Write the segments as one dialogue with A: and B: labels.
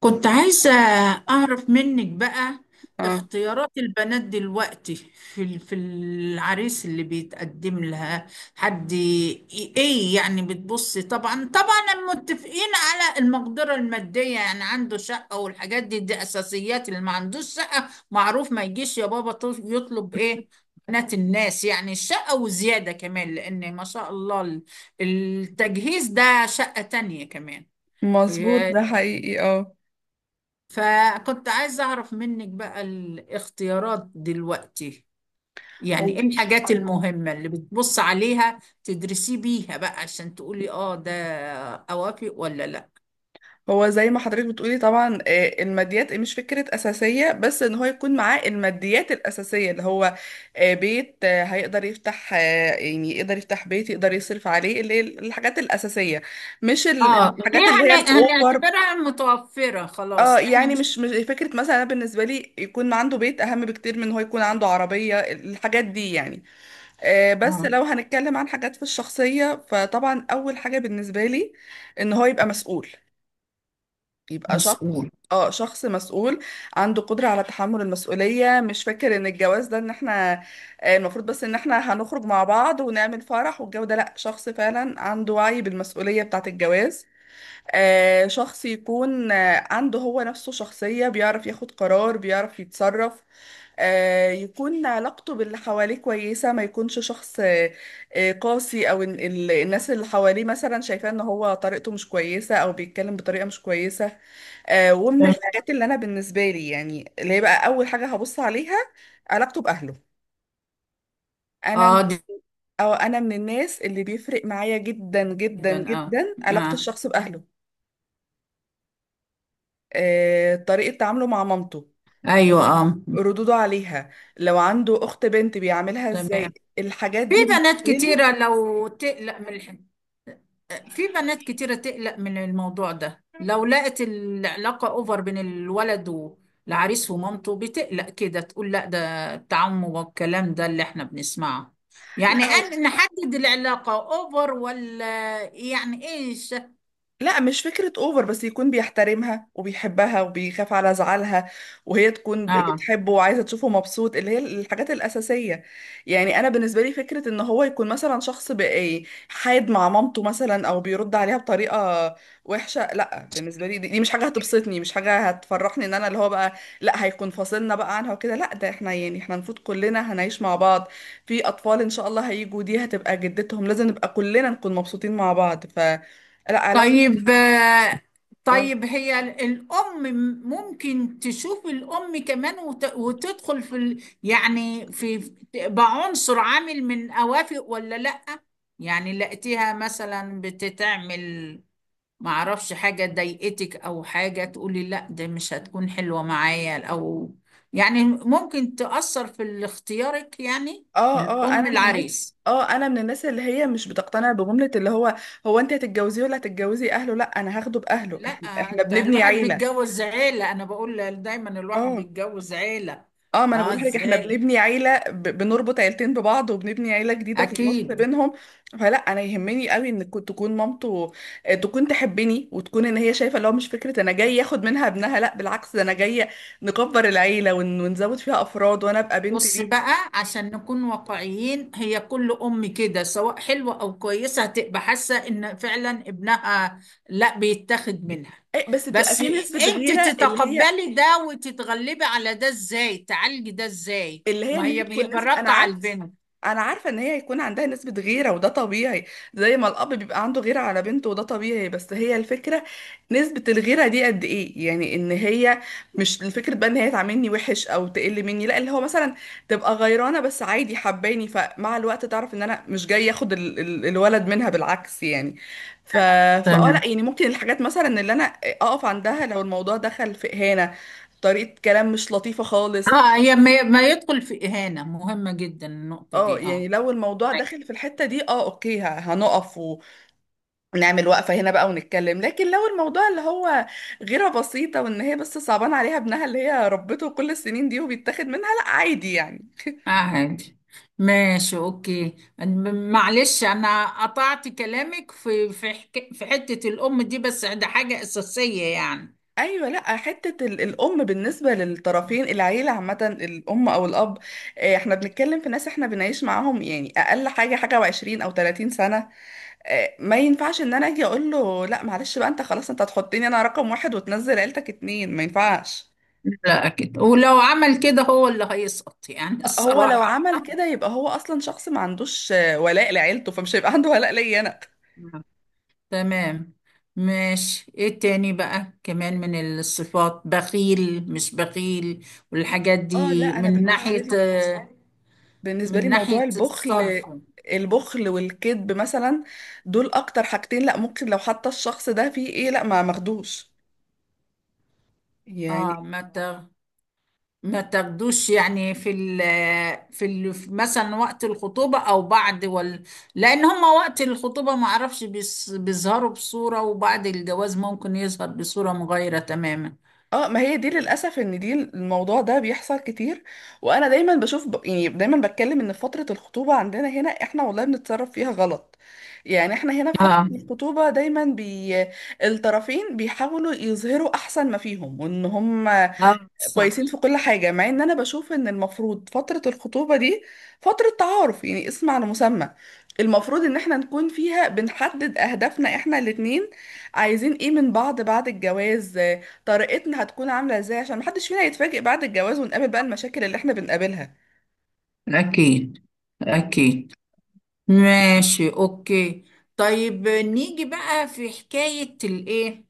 A: كنت عايزة أعرف منك بقى
B: اه،
A: اختيارات البنات دلوقتي في العريس اللي بيتقدم لها. حد ي- إيه يعني بتبصي؟ طبعا طبعا متفقين على المقدرة المادية، يعني عنده شقة والحاجات دي، دي أساسيات. اللي ما عندوش شقة معروف ما يجيش يا بابا يطلب إيه؟ بنات الناس، يعني الشقة وزيادة كمان، لأن ما شاء الله التجهيز ده شقة تانية كمان.
B: مظبوط ده حقيقي. اه
A: فكنت عايزة أعرف منك بقى الاختيارات دلوقتي، يعني
B: هو
A: إيه الحاجات المهمة اللي بتبص عليها تدرسي بيها بقى عشان تقولي آه ده أوافق ولا لأ.
B: هو زي ما حضرتك بتقولي، طبعا. الماديات، مش فكرة أساسية، بس إن هو يكون معاه الماديات الأساسية، اللي هو بيت. هيقدر يفتح، يعني يقدر يفتح بيت، يقدر يصرف عليه، اللي هي الحاجات الأساسية. مش
A: آه دي
B: الحاجات اللي هي الأوفر.
A: هنعتبرها متوفرة
B: اه،
A: خلاص، إحنا
B: يعني
A: مش
B: مش فكرة. مثلا أنا بالنسبة لي يكون عنده بيت أهم بكتير من إن هو يكون عنده عربية الحاجات دي يعني. بس
A: آه
B: لو هنتكلم عن حاجات في الشخصية، فطبعا أول حاجة بالنسبة لي إن هو يبقى مسؤول، يبقى شخص،
A: مسؤول.
B: اه، شخص مسؤول، عنده قدرة على تحمل المسؤولية. مش فاكر ان الجواز ده ان احنا المفروض بس ان احنا هنخرج مع بعض ونعمل فرح والجو ده، لا، شخص فعلا عنده وعي بالمسؤولية بتاعة الجواز. شخص يكون عنده هو نفسه شخصية، بيعرف ياخد قرار، بيعرف يتصرف. يكون علاقته باللي حواليه كويسة، ما يكونش شخص قاسي، أو الناس اللي حواليه مثلا شايفاه إن هو طريقته مش كويسة، أو بيتكلم بطريقة مش كويسة. ومن
A: تمام.
B: الحاجات اللي أنا بالنسبة لي، يعني اللي هي بقى أول حاجة هبص عليها، علاقته بأهله. أنا
A: آه دي-
B: أو أنا من الناس اللي بيفرق معايا جدا جدا
A: جدا، آه.
B: جدا علاقة
A: آه.
B: الشخص بأهله. طريقة تعامله مع مامته،
A: أيوه، آه.
B: ردوده عليها، لو عنده أخت بنت بيعاملها
A: تمام.
B: ازاي، الحاجات
A: في
B: دي بالنسبة
A: بنات
B: لي.
A: كتيرة لو تقلق من الحاجة، في بنات كتيرة تقلق من الموضوع ده لو لقت العلاقة أوفر بين الولد والعريس ومامته، بتقلق كده تقول لا ده التعم، والكلام ده اللي احنا بنسمعه. يعني
B: لا، هو،
A: أن نحدد العلاقة أوفر ولا يعني إيش؟
B: لا، مش فكرة اوفر، بس يكون بيحترمها وبيحبها وبيخاف على زعلها، وهي تكون
A: آه.
B: بتحبه وعايزة تشوفه مبسوط، اللي هي الحاجات الأساسية. يعني أنا بالنسبة لي فكرة إن هو يكون مثلا شخص بقى حاد مع مامته مثلا، أو بيرد عليها بطريقة وحشة، لا، بالنسبة لي دي مش حاجة هتبسطني، مش حاجة هتفرحني. إن أنا اللي هو بقى، لا، هيكون فاصلنا بقى عنها وكده، لا، ده احنا يعني المفروض كلنا هنعيش مع بعض. في أطفال إن شاء الله هيجوا، دي هتبقى جدتهم، لازم نبقى كلنا نكون مبسوطين مع بعض، ف لا علاقة.
A: طيب آه،
B: اه
A: طيب هي الأم ممكن تشوف الأم كمان وتدخل في يعني في تبقى عنصر عامل من أوافق ولا لأ؟ يعني لقيتيها مثلا بتتعمل، معرفش حاجة ضايقتك أو حاجة تقولي لأ ده مش هتكون حلوة معايا، أو يعني ممكن تأثر في اختيارك يعني
B: اه،
A: الأم
B: انا من الناس،
A: العريس.
B: اه انا من الناس اللي هي مش بتقتنع بجملة اللي هو، هو انت هتتجوزيه ولا هتتجوزي اهله. لا، انا هاخده باهله،
A: لا،
B: احنا
A: انت
B: بنبني
A: الواحد
B: عيلة.
A: بيتجوز عيلة، انا بقول دايما الواحد
B: اه،
A: بيتجوز عيلة.
B: اه ما انا
A: اه،
B: بقول لحضرتك احنا
A: ازاي؟
B: بنبني عيلة، بنربط عيلتين ببعض وبنبني عيلة جديدة في النص
A: اكيد.
B: بينهم. فلا، يهمني قوي ان تكون مامته تكون تحبني، وتكون ان هي شايفة اللي هو مش فكرة انا جاي ياخد منها ابنها. لا، بالعكس، ده انا جاية نكبر العيلة ونزود فيها افراد، وانا ابقى بنت
A: بص
B: ليها.
A: بقى عشان نكون واقعيين، هي كل ام كده سواء حلوة او كويسة هتبقى حاسة ان فعلا ابنها لا بيتاخد منها.
B: بس بتبقى
A: بس
B: في نسبة
A: انت
B: غيرة، اللي هي،
A: تتقبلي ده وتتغلبي على ده ازاي، تعالجي ده ازاي، ما
B: ان هي
A: هي
B: تكون
A: بيبقى
B: نسبة. انا
A: راقة على
B: عارف،
A: البنت.
B: انا عارفة ان هي هيكون عندها نسبة غيرة، وده طبيعي، زي ما الاب بيبقى عنده غيرة على بنته وده طبيعي. بس هي الفكرة نسبة الغيرة دي قد ايه، يعني ان هي مش الفكرة بقى ان هي تعاملني وحش او تقل مني، لا، اللي هو مثلا تبقى غيرانة بس عادي، حباني، فمع الوقت تعرف ان انا مش جاي اخد ال ال الولد منها، بالعكس يعني. ف لا،
A: تمام.
B: يعني ممكن الحاجات مثلا اللي انا اقف عندها، لو الموضوع دخل في اهانة، طريقة كلام مش لطيفة خالص،
A: اه، هي ما يدخل في اهانة، مهمة جدا النقطة
B: اه،
A: دي،
B: يعني
A: اه.
B: لو الموضوع داخل في الحتة دي، اه، اوكي، هنقف ونعمل وقفة هنا بقى ونتكلم. لكن لو الموضوع اللي هو غيرة بسيطة وان هي بس صعبان عليها ابنها اللي هي ربته كل السنين دي وبيتاخد منها، لا، عادي يعني.
A: عادي. ماشي، اوكي. معلش انا قطعت كلامك في حتة الام دي، بس ده حاجة اساسية يعني.
B: ايوه، لا، حتة الام بالنسبة للطرفين، العيلة عامة، الام او الاب، احنا بنتكلم في ناس احنا بنعيش معاهم يعني اقل حاجة حاجة و20 او 30 سنة. ما ينفعش ان انا اجي اقول له لا معلش بقى انت خلاص انت هتحطني انا رقم 1 وتنزل عيلتك 2، ما ينفعش.
A: لا اكيد، ولو عمل كده هو اللي هيسقط يعني
B: هو لو
A: الصراحة.
B: عمل كده يبقى هو اصلا شخص ما عندوش ولاء لعيلته، فمش هيبقى عنده ولاء ليا انا.
A: تمام. ماشي، ايه تاني بقى كمان من الصفات؟ بخيل مش بخيل، والحاجات
B: اه، لا،
A: دي
B: انا
A: من
B: بالنسبه
A: ناحية،
B: لي،
A: من
B: موضوع
A: ناحية
B: البخل،
A: الصرف.
B: البخل والكذب مثلا، دول اكتر حاجتين لا ممكن، لو حتى الشخص ده فيه ايه، لا، ما ماخدوش يعني.
A: اه ما تاخدوش يعني في ال مثلا وقت الخطوبة او بعد وال، لان هما وقت الخطوبة ما اعرفش بيظهروا بصورة، وبعد الجواز ممكن يظهر بصورة مغايرة تماما.
B: اه، ما هي دي للاسف، ان دي الموضوع ده بيحصل كتير. وانا دايما بشوف، يعني دايما بتكلم ان في فتره الخطوبه عندنا هنا، احنا والله بنتصرف فيها غلط. يعني احنا هنا في فتره
A: اه.
B: الخطوبه دايما الطرفين بيحاولوا يظهروا احسن ما فيهم، وان هم
A: اه صح.
B: كويسين في كل حاجة، مع ان انا بشوف ان المفروض فترة الخطوبة دي فترة تعارف، يعني اسم على مسمى، المفروض ان احنا نكون فيها بنحدد اهدافنا احنا الاتنين، عايزين ايه من بعض بعد الجواز، طريقتنا هتكون عاملة ازاي، عشان محدش فينا يتفاجئ بعد الجواز ونقابل بقى المشاكل اللي احنا بنقابلها.
A: اكيد، اكيد. ماشي اوكي. طيب نيجي بقى في حكاية الايه،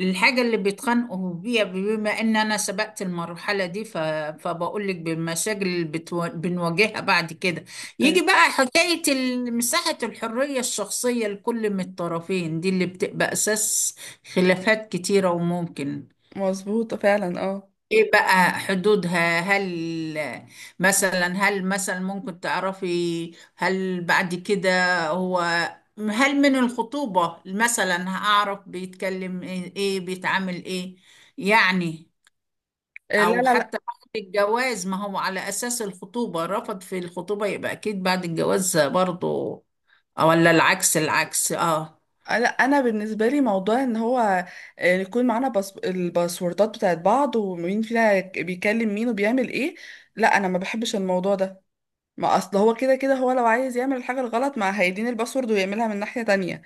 A: الحاجة اللي بيتخانقوا بيها، بما ان انا سبقت المرحلة دي فبقول لك بالمشاكل اللي بنواجهها بعد كده. يجي
B: ت-
A: بقى حكاية مساحة الحرية الشخصية لكل من الطرفين، دي اللي بتبقى اساس خلافات كتيرة وممكن.
B: مظبوط فعلا، اه.
A: ايه بقى حدودها؟ هل مثلا، هل مثلا ممكن تعرفي هل بعد كده هو، هل من الخطوبة مثلا هعرف بيتكلم ايه، إيه، بيتعامل ايه يعني؟
B: لا
A: او
B: لا لا،
A: حتى بعد الجواز، ما هو على اساس الخطوبة، رفض في الخطوبة يبقى اكيد بعد الجواز برضو، أو ولا العكس، العكس اه.
B: انا بالنسبه لي موضوع ان هو يكون معانا الباسوردات بتاعت بعض، ومين فينا بيكلم مين وبيعمل ايه، لا، انا ما بحبش الموضوع ده. ما اصل هو كده هو لو عايز يعمل الحاجه الغلط ما هيديني الباسورد ويعملها من ناحيه تانية.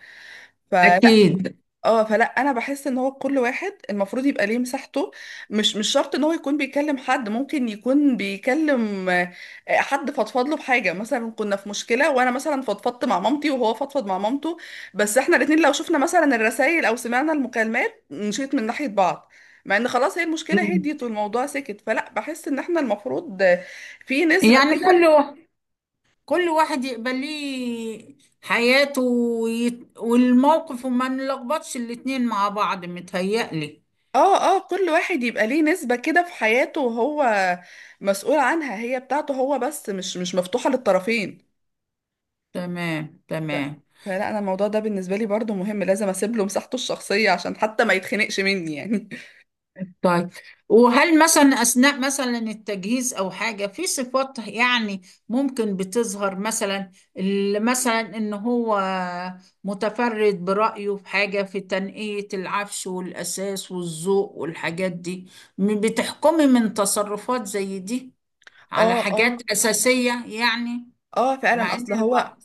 B: فلا،
A: اكيد.
B: اه، فلا، انا بحس ان هو كل واحد المفروض يبقى ليه مساحته. مش شرط ان هو يكون بيكلم حد، ممكن يكون بيكلم حد فضفض له بحاجه. مثلا كنا في مشكله وانا مثلا فضفضت مع مامتي، وهو فضفض مع مامته، بس احنا الاتنين لو شفنا مثلا الرسائل او سمعنا المكالمات نشيط من ناحيه بعض، مع ان خلاص هي المشكله
A: مم.
B: هديت والموضوع سكت. فلا بحس ان احنا المفروض في نسبه.
A: يعني كله، كل واحد يقبل ليه حياته والموقف، وما نلخبطش الاتنين مع بعض متهيألي.
B: اه كل واحد يبقى ليه نسبة كده في حياته وهو مسؤول عنها، هي بتاعته هو بس، مش مفتوحة للطرفين.
A: تمام،
B: ف-
A: تمام.
B: فلا انا الموضوع ده بالنسبة لي برضو مهم، لازم اسيب له مساحته الشخصية عشان حتى ما يتخنقش مني يعني.
A: طيب، وهل مثلا أثناء مثلا التجهيز أو حاجة في صفات يعني ممكن بتظهر مثلا مثلا إن هو متفرد برأيه في حاجة في تنقية العفش والأساس والذوق والحاجات دي؟ بتحكمي من تصرفات زي دي؟ على
B: اه اه
A: حاجات أساسية يعني.
B: اه فعلا،
A: مع إن
B: اصل هو
A: البعض.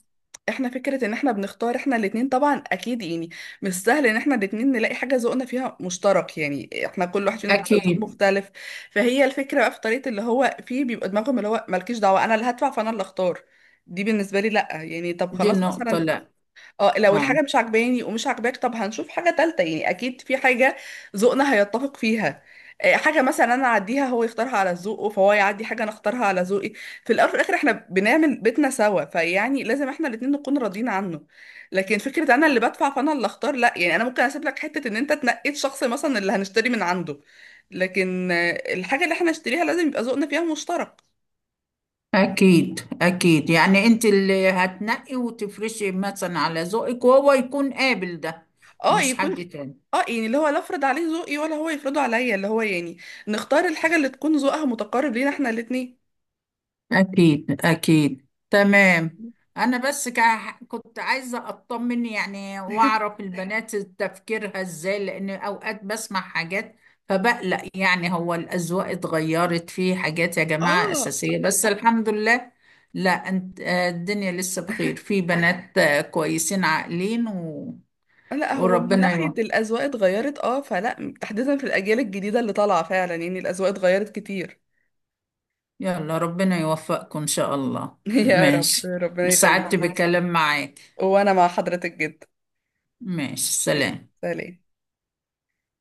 B: احنا فكرة ان احنا بنختار احنا الاتنين طبعا، اكيد يعني مش سهل ان احنا الاتنين نلاقي حاجة ذوقنا فيها مشترك، يعني احنا كل واحد فينا بيبقى ذوق
A: أكيد.
B: مختلف. فهي الفكرة بقى في طريقة اللي هو فيه بيبقى دماغهم اللي هو مالكيش دعوة، انا اللي هدفع فانا اللي اختار، دي بالنسبة لي لا يعني. طب
A: دي
B: خلاص
A: النقطة
B: مثلا،
A: لا.
B: اه، لو
A: آه.
B: الحاجة مش عجباني ومش عجباك، طب هنشوف حاجة تالتة، يعني أكيد في حاجة ذوقنا هيتفق فيها. حاجة مثلا أنا أعديها هو يختارها على ذوقه، فهو يعدي حاجة أنا أختارها على ذوقي. في الأول وفي الآخر إحنا بنعمل بيتنا سوا، فيعني لازم إحنا الاتنين نكون راضيين عنه. لكن فكرة أنا اللي بدفع فأنا اللي أختار، لأ، يعني أنا ممكن أسيب لك حتة إن أنت تنقيت شخص مثلا اللي هنشتري من عنده، لكن الحاجة اللي إحنا نشتريها لازم يبقى ذوقنا فيها مشترك.
A: أكيد أكيد، يعني أنت اللي هتنقي وتفرشي مثلا على ذوقك وهو يكون قابل ده،
B: اه،
A: مش
B: يكون،
A: حد تاني.
B: اه، يعني اللي هو لا افرض عليه ذوقي ولا هو يفرضه عليا، اللي هو يعني نختار الحاجة اللي تكون ذوقها متقارب لينا احنا الاتنين.
A: أكيد، أكيد، تمام. أنا بس كنت عايزة أطمن يعني وأعرف البنات تفكيرها إزاي، لأن أوقات بسمع حاجات فبقلق، يعني هو الأذواق اتغيرت في حاجات يا جماعة
B: اه،
A: أساسية؟ بس الحمد لله، لا أنت، آه، الدنيا لسه بخير، في بنات آه، كويسين عاقلين و...
B: لا، هو من
A: وربنا
B: ناحية
A: يوفق.
B: الأذواق اتغيرت اه، فلا تحديدا في الأجيال الجديدة اللي طالعة فعلا يعني الأذواق اتغيرت كتير.
A: يلا ربنا يوفقكم إن شاء الله.
B: يا رب،
A: ماشي،
B: ربنا
A: سعدت
B: يخليك يا
A: تمام
B: رب.
A: بكلام معاك.
B: وأنا مع حضرتك جدا.
A: ماشي، سلام.
B: سلام.